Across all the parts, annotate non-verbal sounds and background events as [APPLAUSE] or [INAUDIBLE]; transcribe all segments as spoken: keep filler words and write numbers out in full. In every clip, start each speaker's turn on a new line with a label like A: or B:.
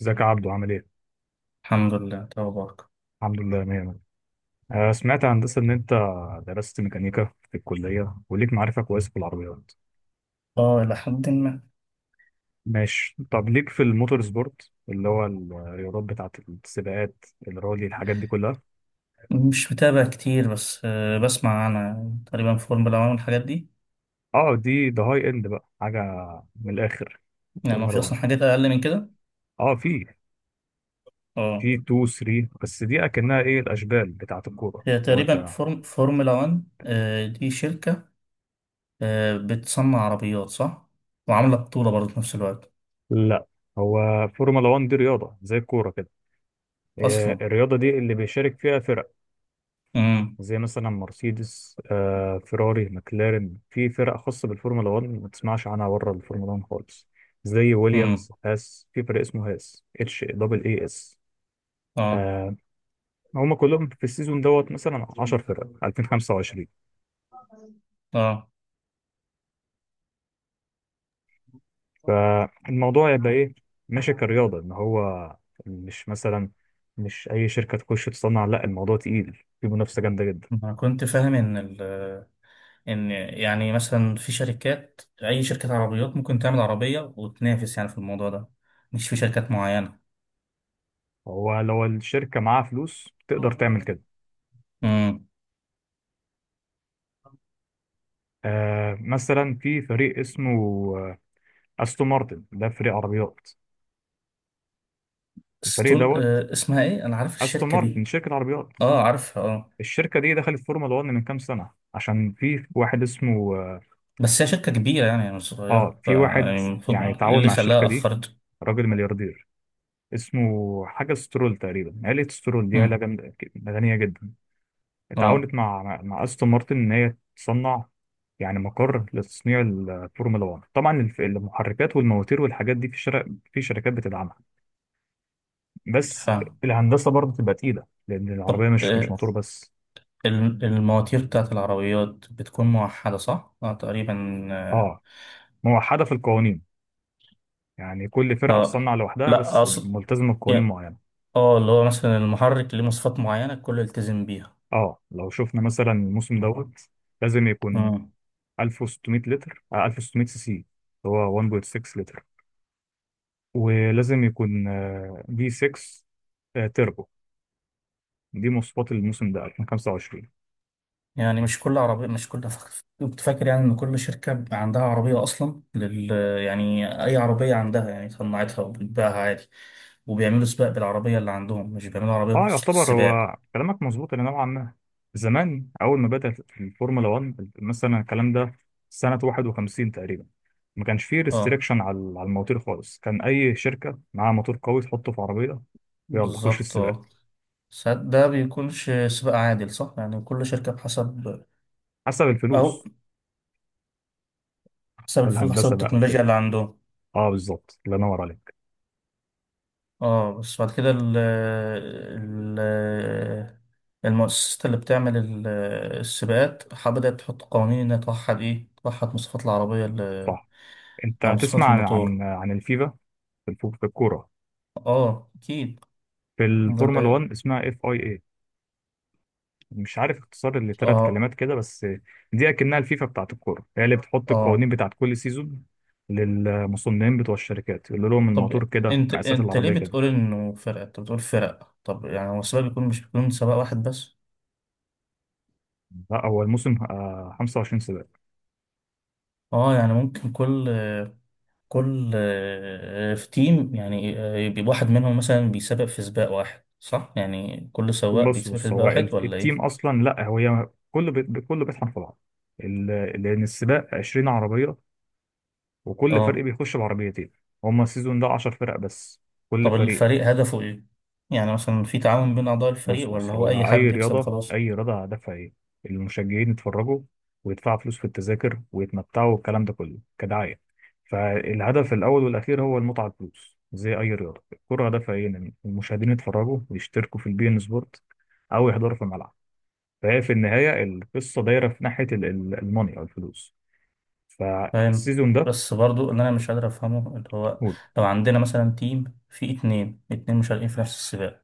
A: ازيك يا عبدو؟ عامل ايه؟
B: الحمد لله توبك.
A: الحمد لله، مية مية. آه، سمعت يا هندسة إن أنت درست ميكانيكا في الكلية وليك معرفة كويسة في العربيات.
B: اه إلى حد ما.
A: ماشي، طب ليك في الموتور سبورت اللي هو الرياضات بتاعة السباقات، الرالي، الحاجات دي كلها؟
B: مش متابع كتير، بس آه، بسمع أنا تقريبا فورمولا واحد والحاجات دي.
A: اه، دي ده هاي اند بقى، حاجة من الآخر.
B: يعني هو
A: فورمولا
B: في
A: واحد.
B: أصلا حاجات أقل من كده؟
A: اه، في
B: اه
A: في اثنين تلاتة، بس دي أكنها ايه، الأشبال بتاعة الكورة،
B: هي
A: لو
B: تقريبا
A: أنت.
B: فورم فورمولا واحد، آه، دي شركة، آه، بتصنع عربيات صح؟ وعاملة بطولة برضه في نفس الوقت
A: لا، هو فورمولا واحد دي رياضة زي الكورة كده. آه،
B: أصلا.
A: الرياضة دي اللي بيشارك فيها فرق،
B: امم.
A: زي مثلا مرسيدس، آه، فيراري، مclaren. في فرق خاصة بالفورمولا واحد ما تسمعش عنها بره الفورمولا واحد خالص، زي
B: امم.
A: ويليامز، هاس. في فرق اسمه هاس، اتش دبل اي اس.
B: اه.
A: آه. هم كلهم في السيزون دوت، مثلا عشر فرق، ألفين وخمسة وعشرين.
B: اه.
A: فالموضوع يبقى ايه؟ ماشي كرياضة، ان هو مش مثلا، مش اي شركة تخش تصنع، لا الموضوع تقيل، في منافسة جامدة جدا.
B: أنا كنت فاهم إن ال ان يعني مثلا في شركات، اي شركة عربيات ممكن تعمل عربية وتنافس يعني في الموضوع ده، مش في شركات معينة.
A: هو لو الشركة معاها فلوس تقدر تعمل كده.
B: امم.
A: آه، مثلا في فريق اسمه استون مارتن، ده فريق عربيات. الفريق
B: ستون،
A: دوت،
B: آه اسمها ايه، انا عارف
A: استون
B: الشركة
A: مارتن
B: دي.
A: شركه عربيات.
B: اه، عارفها، اه.
A: الشركه دي دخلت فورمولا واحد من كام سنه، عشان في واحد اسمه،
B: بس هي شركة كبيرة يعني، مش
A: اه
B: صغيرة
A: في واحد
B: يعني، المفروض
A: يعني
B: إيه
A: تعاون
B: اللي
A: مع الشركه
B: خلاها
A: دي،
B: اخرته؟
A: راجل ملياردير، اسمه حاجه سترول تقريبا. عيله سترول دي عيله
B: امم.
A: جامده، غنيه جدا.
B: اه.
A: اتعاونت مع مع مع استون مارتن ان هي تصنع يعني مقر لتصنيع الفورمولا واحد. طبعا الف- المحركات والمواتير والحاجات دي في شر... في شركات بتدعمها، بس
B: فاهم.
A: الهندسه برضه بتبقى تقيله، لان العربيه
B: طب
A: مش مش
B: آه
A: موتور بس.
B: الم- المواتير بتاعت العربيات بتكون موحدة صح؟ اه تقريبا. اه.
A: اه، موحده في القوانين، يعني كل فرقه
B: آه.
A: تصنع لوحدها،
B: لا
A: بس
B: اقصد
A: ملتزمه بقوانين
B: يعني
A: معينه.
B: اه اللي هو مثلا المحرك ليه مواصفات معينة الكل يلتزم بيها.
A: اه، لو شفنا مثلا الموسم دوت، لازم يكون
B: مم.
A: ألف وستمائة لتر، آه ألف وستمائة سي سي، هو واحد فاصلة ستة لتر. ولازم يكون في ست تربو. دي مواصفات الموسم ده ألفين وخمسة وعشرين.
B: يعني مش كل عربية، مش كل ف- كنت فاكر يعني إن كل شركة بيبقى عندها عربية أصلا لل... يعني أي عربية عندها يعني صنعتها وبتبيعها عادي، وبيعملوا سباق بالعربية اللي عندهم، مش بيعملوا عربية
A: اه
B: بخصوص
A: يعتبر،
B: السباق.
A: هو كلامك مظبوط الى نوعا ما. زمان اول ما بدات الفورمولا واحد، مثلا الكلام ده سنه واحد وخمسين تقريبا، ما كانش فيه
B: اه
A: ريستريكشن على على المواتير خالص. كان اي شركه معاها موتور قوي تحطه في عربيه، يلا خش
B: بالظبط
A: السباق.
B: اه. ساعات ده بيكونش سباق عادل صح؟ يعني كل شركة بحسب،
A: حسب
B: أو
A: الفلوس،
B: حسب الفلوس، حسب
A: الهندسه بقى وكده.
B: التكنولوجيا اللي عندهم.
A: اه بالظبط، الله ينور عليك.
B: اه. بس بعد كده ال ال المؤسسات اللي بتعمل ال- السباقات ح- بدأت تحط قوانين إنها توحد إيه، توحد مواصفات العربية ال-
A: صح، انت
B: أو
A: هتسمع
B: مواصفات
A: عن عن
B: الموتور.
A: عن الفيفا في الفو- في الكوره.
B: اه أكيد.
A: في
B: ده
A: الفورمولا
B: اللي
A: واحد اسمها اف اي اي، مش عارف اختصار لثلاث
B: اه.
A: كلمات كده بس. دي اكنها الفيفا بتاعت الكوره، هي اللي بتحط القوانين
B: اه.
A: بتاعت كل سيزون للمصنعين بتوع الشركات، يقول لهم الموتور
B: طب
A: كده،
B: أنت،
A: مقاسات
B: أنت ليه
A: العربيه كده.
B: بتقول إنه فرق أنت بتقول فرق، طب يعني هو السباق بيكون، مش بيكون سباق واحد بس؟
A: لا، هو الموسم آه، خمسة وعشرين سباق.
B: اه يعني ممكن كل كل آه، في تيم يعني، آه، يبقى واحد منهم مثلا بيسابق في سباق واحد صح؟ يعني كل سواق
A: بص
B: بيسابق في
A: بص،
B: سباق
A: هو ال-
B: واحد ولا
A: التيم
B: ايه؟
A: اصلا، لا هو هي كله بي- كله بيطحن في بعض. ال-، لان السباق عشرين عربيه، وكل فريق
B: اه.
A: بيخش بعربيتين. هما السيزون ده عشر فرق بس، كل
B: طب
A: فريق.
B: الفريق هدفه ايه؟ يعني مثلا في تعاون بين اعضاء الفريق
A: بص
B: ولا
A: بص،
B: هو اي
A: هو اي
B: حد يكسب
A: رياضه،
B: خلاص؟
A: اي رياضه هدفها ايه؟ المشجعين يتفرجوا ويدفعوا فلوس في التذاكر ويتمتعوا، والكلام ده كله كدعايه. فالهدف الاول والاخير هو المتعه، الفلوس. زي اي رياضه، الكره هدفها ايه؟ ان المشاهدين يتفرجوا ويشتركوا في البي ان سبورت او يحضروا في الملعب. فهي في النهايه القصه دايره في ناحيه ال- ال- الموني او الفلوس.
B: فاهم.
A: فالسيزون ده،
B: بس برضو اللي انا مش قادر افهمه اللي هو،
A: قول.
B: لو عندنا مثلا تيم فيه اتنين اتنين مشاركين في نفس السباق،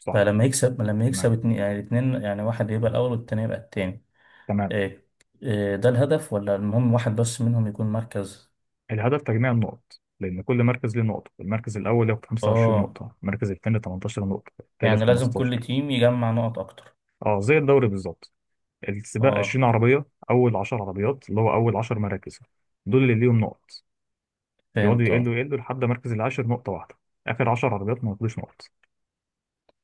A: صح.
B: فلما يكسب، لما يكسب
A: تمام،
B: اتنين يعني الاتنين، يعني واحد يبقى الاول والتاني يبقى التاني.
A: تمام.
B: إيه، إيه ده الهدف؟ ولا المهم واحد بس منهم يكون مركز؟
A: الهدف تجميع النقط، لأن كل مركز ليه نقطة. المركز الأول ياخد خمسة وعشرين
B: اه.
A: نقطة، المركز الثاني تمنتاشر نقطة، الثالث
B: يعني لازم
A: خمسة عشر.
B: كل تيم يجمع نقط اكتر.
A: اه زي الدوري بالظبط. السباق عشرين
B: اه
A: عربية، أول عشر عربيات اللي هو أول عشر مراكز، دول اللي ليهم نقط. يقعدوا
B: فهمت اه.
A: يقلوا يقلوا لحد مركز العاشر نقطة واحدة. آخر عشر عربيات ما ياخدوش نقط،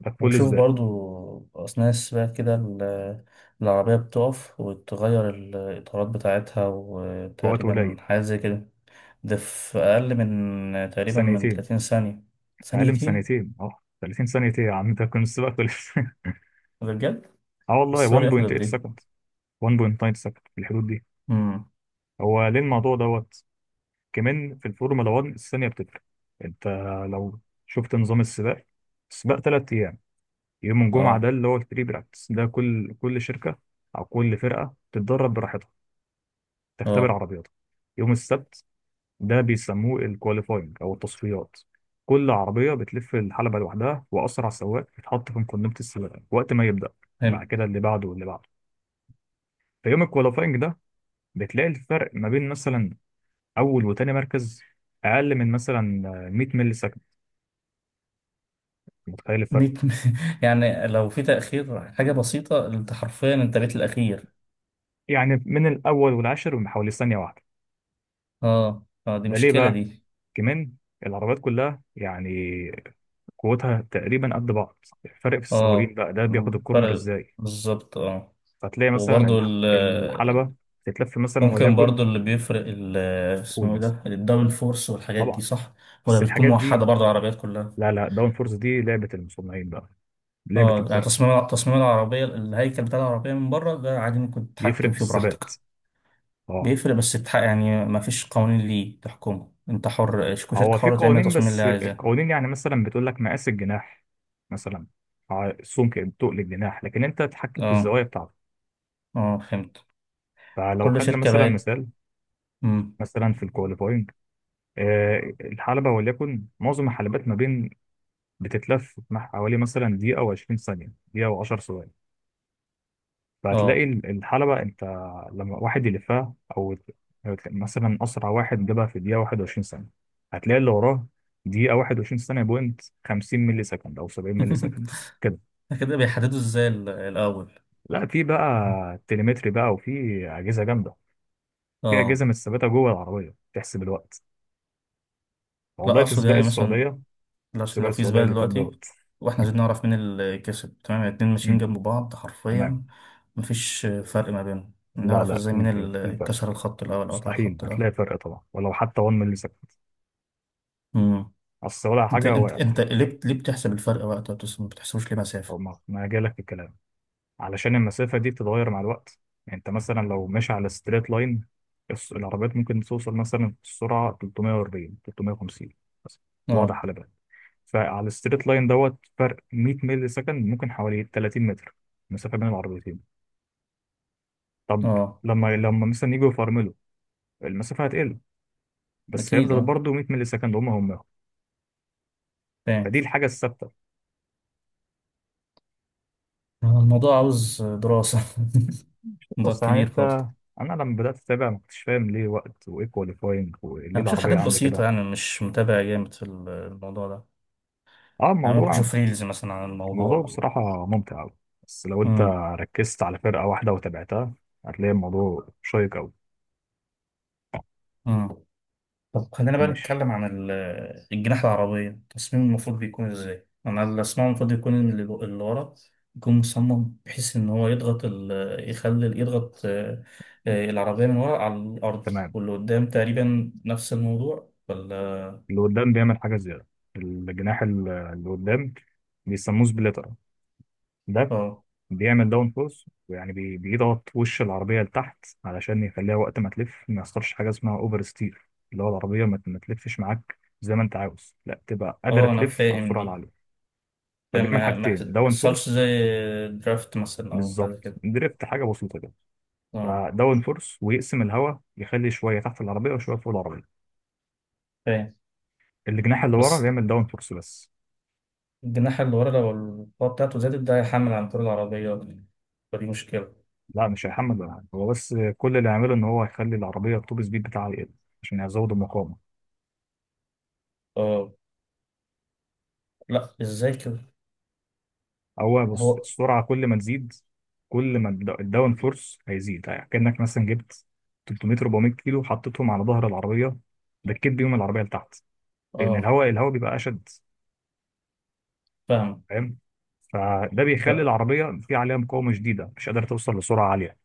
A: ده في كل
B: وشوف
A: سباق.
B: برضو اثناء السباق كده ال- العربية بتقف وتغير الاطارات بتاعتها
A: في وقت
B: وتقريبا
A: قليل.
B: حاجة زي كده. ده في اقل من تقريبا من
A: ثانيتين.
B: تلاتين ثانية؟
A: أقل من
B: ثانيتين؟
A: ثانيتين، اه. ثلاثين ثانية إيه يا عم، ده كان السباق خلص! [LAUGHS]
B: ده بجد؟
A: اه والله.
B: السؤال ياخد
A: واحد فاصلة تمنية
B: قد ايه؟
A: سكند، واحد فاصلة تسعة سكند، في الحدود دي.
B: امم.
A: هو ليه الموضوع دوت؟ كمان في الفورمولا واحد الثانية بتفرق. انت لو شفت نظام السباق، السباق ثلاث ايام. يوم الجمعة ده
B: اه.
A: اللي هو البري براكتس، ده كل كل شركة او كل فرقة تتدرب براحتها، تختبر
B: اه
A: عربياتها. يوم السبت، ده بيسموه الكواليفاينج او التصفيات. كل عربية بتلف الحلبة لوحدها، وأسرع سواق بيتحط في مقدمة السباق وقت ما يبدأ، بعد
B: فهمت.
A: كده اللي بعده واللي بعده. في يوم الكواليفاينج ده، بتلاقي الفرق ما بين مثلا أول وتاني مركز أقل من مثلا مية ملي. متخيل الفرق؟
B: مية [LAUGHS] يعني لو في تأخير حاجة بسيطة انت حرفيا انت بيت الاخير.
A: يعني من الاول والعاشر بحوالي ثانيه واحده.
B: اه. اه دي
A: ده ليه
B: مشكلة
A: بقى؟
B: دي.
A: كمان العربيات كلها يعني قوتها تقريبا قد بعض، الفرق في السواقين
B: اه.
A: بقى، ده بياخد
B: مم.
A: الكورنر
B: فرق.
A: ازاي.
B: بالظبط اه.
A: فتلاقي مثلا
B: وبرضو
A: الح-
B: ال-
A: الحلبه تتلف مثلا،
B: ممكن
A: وليكن،
B: برضو اللي بيفرق ال-
A: قول
B: اسمه ايه
A: مثلا،
B: ده، الدبل فورس والحاجات دي
A: طبعا.
B: صح؟ ولا
A: بس
B: بتكون
A: الحاجات دي،
B: موحدة برضو العربيات كلها؟
A: لا لا، داون فورس دي لعبه المصنعين بقى، لعبه
B: اه يعني
A: الفرق.
B: تصميم تصميم العربية، الهيكل بتاع العربية من بره ده عادي ممكن
A: بيفرق
B: تتحكم
A: في
B: فيه براحتك؟
A: الثبات. اه،
B: بيفرق، بس تتح- يعني ما فيش قوانين ليه تحكمه؟ انت حر،
A: هو
B: شركة
A: في
B: حرة تعمل
A: قوانين،
B: التصميم اللي
A: بس
B: هي عايزاه؟
A: القوانين يعني مثلا بتقول لك مقاس الجناح مثلا، ع- السمك تقل الجناح، لكن انت تتحكم في
B: اه.
A: الزوايا بتاعته.
B: اه فهمت.
A: فلو
B: كل
A: خدنا
B: شركة
A: مثلا
B: بقت.
A: مثال،
B: مم.
A: مثلا في الكواليفاينج، آه، الحلبة وليكن، معظم الحلبات ما بين، بتتلف مع حوالي مثلا دقيقة وعشرين ثانية، دقيقة وعشر ثواني. فهتلاقي
B: اه
A: ال- الحلبة، انت لما واحد يلفها، او مثلا اسرع واحد جابها في دقيقة واحد وعشرين ثانية، هتلاقي اللي وراه دقيقة واحد وعشرين ثانية بوينت خمسين ملي سكند او سبعين ملي سكند
B: [LAUGHS]
A: كده.
B: كده بيحددوا ازاي ال- الأول؟
A: لا، في بقى تليمتري بقى، وفي أجهزة جامدة، في
B: اه.
A: أجهزة متثبتة جوه العربية تحسب الوقت.
B: لا
A: والله في
B: اقصد
A: سباق
B: يعني مثلا،
A: السعودية،
B: عشان
A: السباق
B: لو في
A: السعودية
B: سباق
A: اللي فات
B: دلوقتي
A: دوت.
B: واحنا
A: مم.
B: عايزين نعرف مين اللي كسب، تمام الاتنين ماشيين
A: مم.
B: جنب بعض
A: تمام.
B: حرفيا، مفيش فرق ما بينهم،
A: لا
B: نعرف
A: لا،
B: ازاي مين
A: في في في
B: اللي
A: فرق،
B: كسر الخط الاول او قطع
A: مستحيل.
B: الخط الاول؟
A: هتلاقي فرق طبعا، ولو حتى واحد مللي سكند.
B: امم.
A: اصل ولا
B: انت
A: حاجه
B: انت
A: وقعت،
B: انت ليه بت- ليه بتحسب الفرق وقت، ما بتس- ما بتحسبوش ليه مسافة؟
A: او ما ما جالك في الكلام. علشان المسافه دي بتتغير مع الوقت. يعني انت مثلا لو ماشي على ستريت لاين، العربيات ممكن توصل مثلا السرعه تلتمية واربعين، تلتمية وخمسين، بس.
B: اه.
A: واضح على بالك؟ فعلى الستريت لاين دوت، فرق مية مللي سكند ممكن حوالي ثلاثين متر مسافه بين العربيتين. طب
B: اه
A: لما لما مثلا يجوا يفرملوا، المسافه هتقل، بس
B: اكيد
A: هيفضل
B: اه.
A: برضه مية مللي سكند، هم هم.
B: فاهم.
A: فدي الحاجه الثابته.
B: آه، الموضوع عاوز دراسة [LAUGHS] موضوع
A: بص يعني
B: كبير
A: انت،
B: خالص.
A: انا لما بدات اتابع ما كنتش فاهم ليه وقت، وايه كواليفاينج، وليه
B: انا بشوف
A: العربيه
B: حاجات
A: عامله
B: بسيطة
A: كده.
B: يعني، مش متابع جامد في الموضوع ده.
A: اه،
B: انا ممكن
A: الموضوع،
B: اشوف ريلز مثلا عن
A: الموضوع
B: الموضوع.
A: بصراحه ممتع قوي. بس لو انت ركزت على فرقه واحده وتابعتها، هتلاقي الموضوع شيق قوي.
B: امم. طب خلينا بقى
A: ماشي.
B: نتكلم عن ال- الجناح، العربية، التصميم المفروض بيكون ازاي؟ أنا اللي أسمعه المفروض يكون إن اللي اللي ورا يكون مصمم بحيث إن هو يضغط ال... يخلي يضغط آه، آه، العربية من ورا على الأرض،
A: تمام.
B: واللي قدام تقريبا نفس الموضوع ولا؟
A: اللي قدام بيعمل حاجه زياده، الجناح ال- اللي قدام، بيسموه سبليتر. ده
B: اه.
A: بيعمل داون فورس، ويعني بي- بيضغط وش العربية لتحت، علشان يخليها وقت ما تلف ما يحصلش حاجة اسمها اوفر ستير، اللي هو العربية ما ما تلفش معاك زي ما انت عاوز، لا تبقى قادرة
B: اه أنا
A: تلف على
B: فاهم
A: السرعة
B: دي.
A: العالية.
B: فاهم
A: فبيعمل
B: ما ما يحص-
A: حاجتين،
B: ما
A: داون
B: يحصلش
A: فورس.
B: زي درافت مثلا أو حاجة
A: بالظبط،
B: كده.
A: دريفت حاجة بسيطة كده.
B: اه.
A: فداون فورس، ويقسم الهواء، يخلي شوية تحت العربية وشوية فوق العربية.
B: فاهم.
A: الجناح اللي ورا
B: بس
A: بيعمل داون فورس بس.
B: الجناح اللي ورا لو القوة بتاعته زادت ده هيحمل عن طول العربية أكتر. فدي مشكلة.
A: لا، مش هيحمل ولا حاجة. هو بس كل اللي يعمله ان هو يخلي العربية التوب سبيد بتاعها يقل، عشان يزود المقاومة.
B: اه. لا ازاي كده؟
A: هو، بص،
B: هو
A: السرعة كل ما تزيد، كل ما الد- الداون فورس هيزيد. يعني كأنك مثلا جبت تلتمية، اربعمية كيلو حطيتهم على ظهر العربية، دكيت بيهم العربية لتحت، لأن
B: اه.
A: الهواء الهواء بيبقى أشد.
B: فاهم.
A: فاهم؟ فده بيخلي
B: ف-
A: العربية في عليها مقاومة شديدة، مش قادرة توصل لسرعة عالية.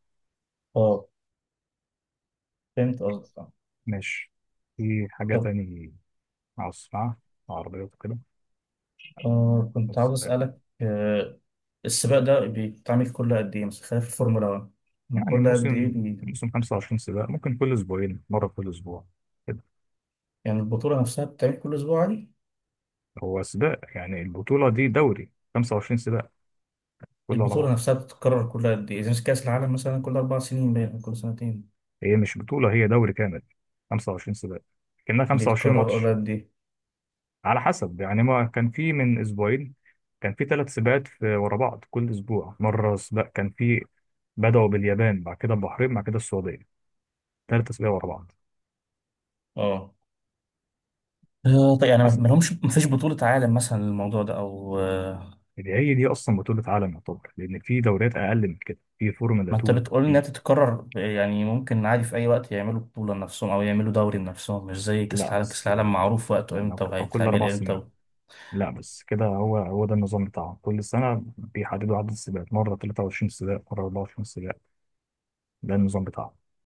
B: اه فهمت قصدك آه.
A: ماشي، في حاجة
B: طب
A: تاني عاوز أسمعها، عربيات وكده،
B: آه كنت
A: بس.
B: عاوز اسالك آه السباق ده بيتعمل كل قد ايه مثلا، خلاف الفورمولا واحد، من
A: يعني
B: كل قد ايه
A: الموسم
B: بي...؟
A: الموسم خمسة وعشرين سباق، ممكن كل أسبوعين مرة، كل أسبوع كده.
B: يعني البطوله نفسها بتتعمل كل اسبوع عادي؟
A: هو سباق، يعني البطولة دي دوري خمسة وعشرين سباق كله على
B: البطوله
A: بعض.
B: نفسها بتتكرر كل قد ايه؟ اذا كاس العالم مثلا كل اربع سنين باين أو كل سنتين؟
A: هي مش بطولة، هي دوري كامل خمسة وعشرين سباق، كأنها خمسة وعشرين
B: بيتكرر كل
A: ماتش.
B: قد ايه؟
A: على حسب، يعني ما كان في من أسبوعين كان في ثلاث سباقات في- ورا بعض، كل أسبوع مرة سباق كان في. بدأوا باليابان، بعد كده البحرين، بعد كده السعودية، ثلاث سباقات ورا بعض.
B: اه. آه، طيب يعني ما
A: حسب،
B: ما لهمش، ما فيش بطوله عالم مثلا للموضوع ده او؟
A: اللي هي دي أصلا بطولة عالم يعتبر، لأن في دوريات أقل من كده، في فورمولا
B: ما انت
A: اتنين،
B: بتقول
A: في.
B: انها تتكرر يعني ممكن عادي في اي وقت يعملوا بطولة لنفسهم او يعملوا دوري لنفسهم؟ مش زي كاس
A: لا
B: العالم، كاس
A: بس
B: العالم معروف وقته
A: يعني،
B: امتى
A: أو كل
B: وهيتعمل
A: أربع سنين،
B: امتى.
A: لا بس كده هو، هو ده النظام بتاعهم. كل سنة بيحددوا عدد السباقات، مرة تلاتة وعشرين سباق، مرة اربعة وعشرين سباق، ده النظام بتاعه.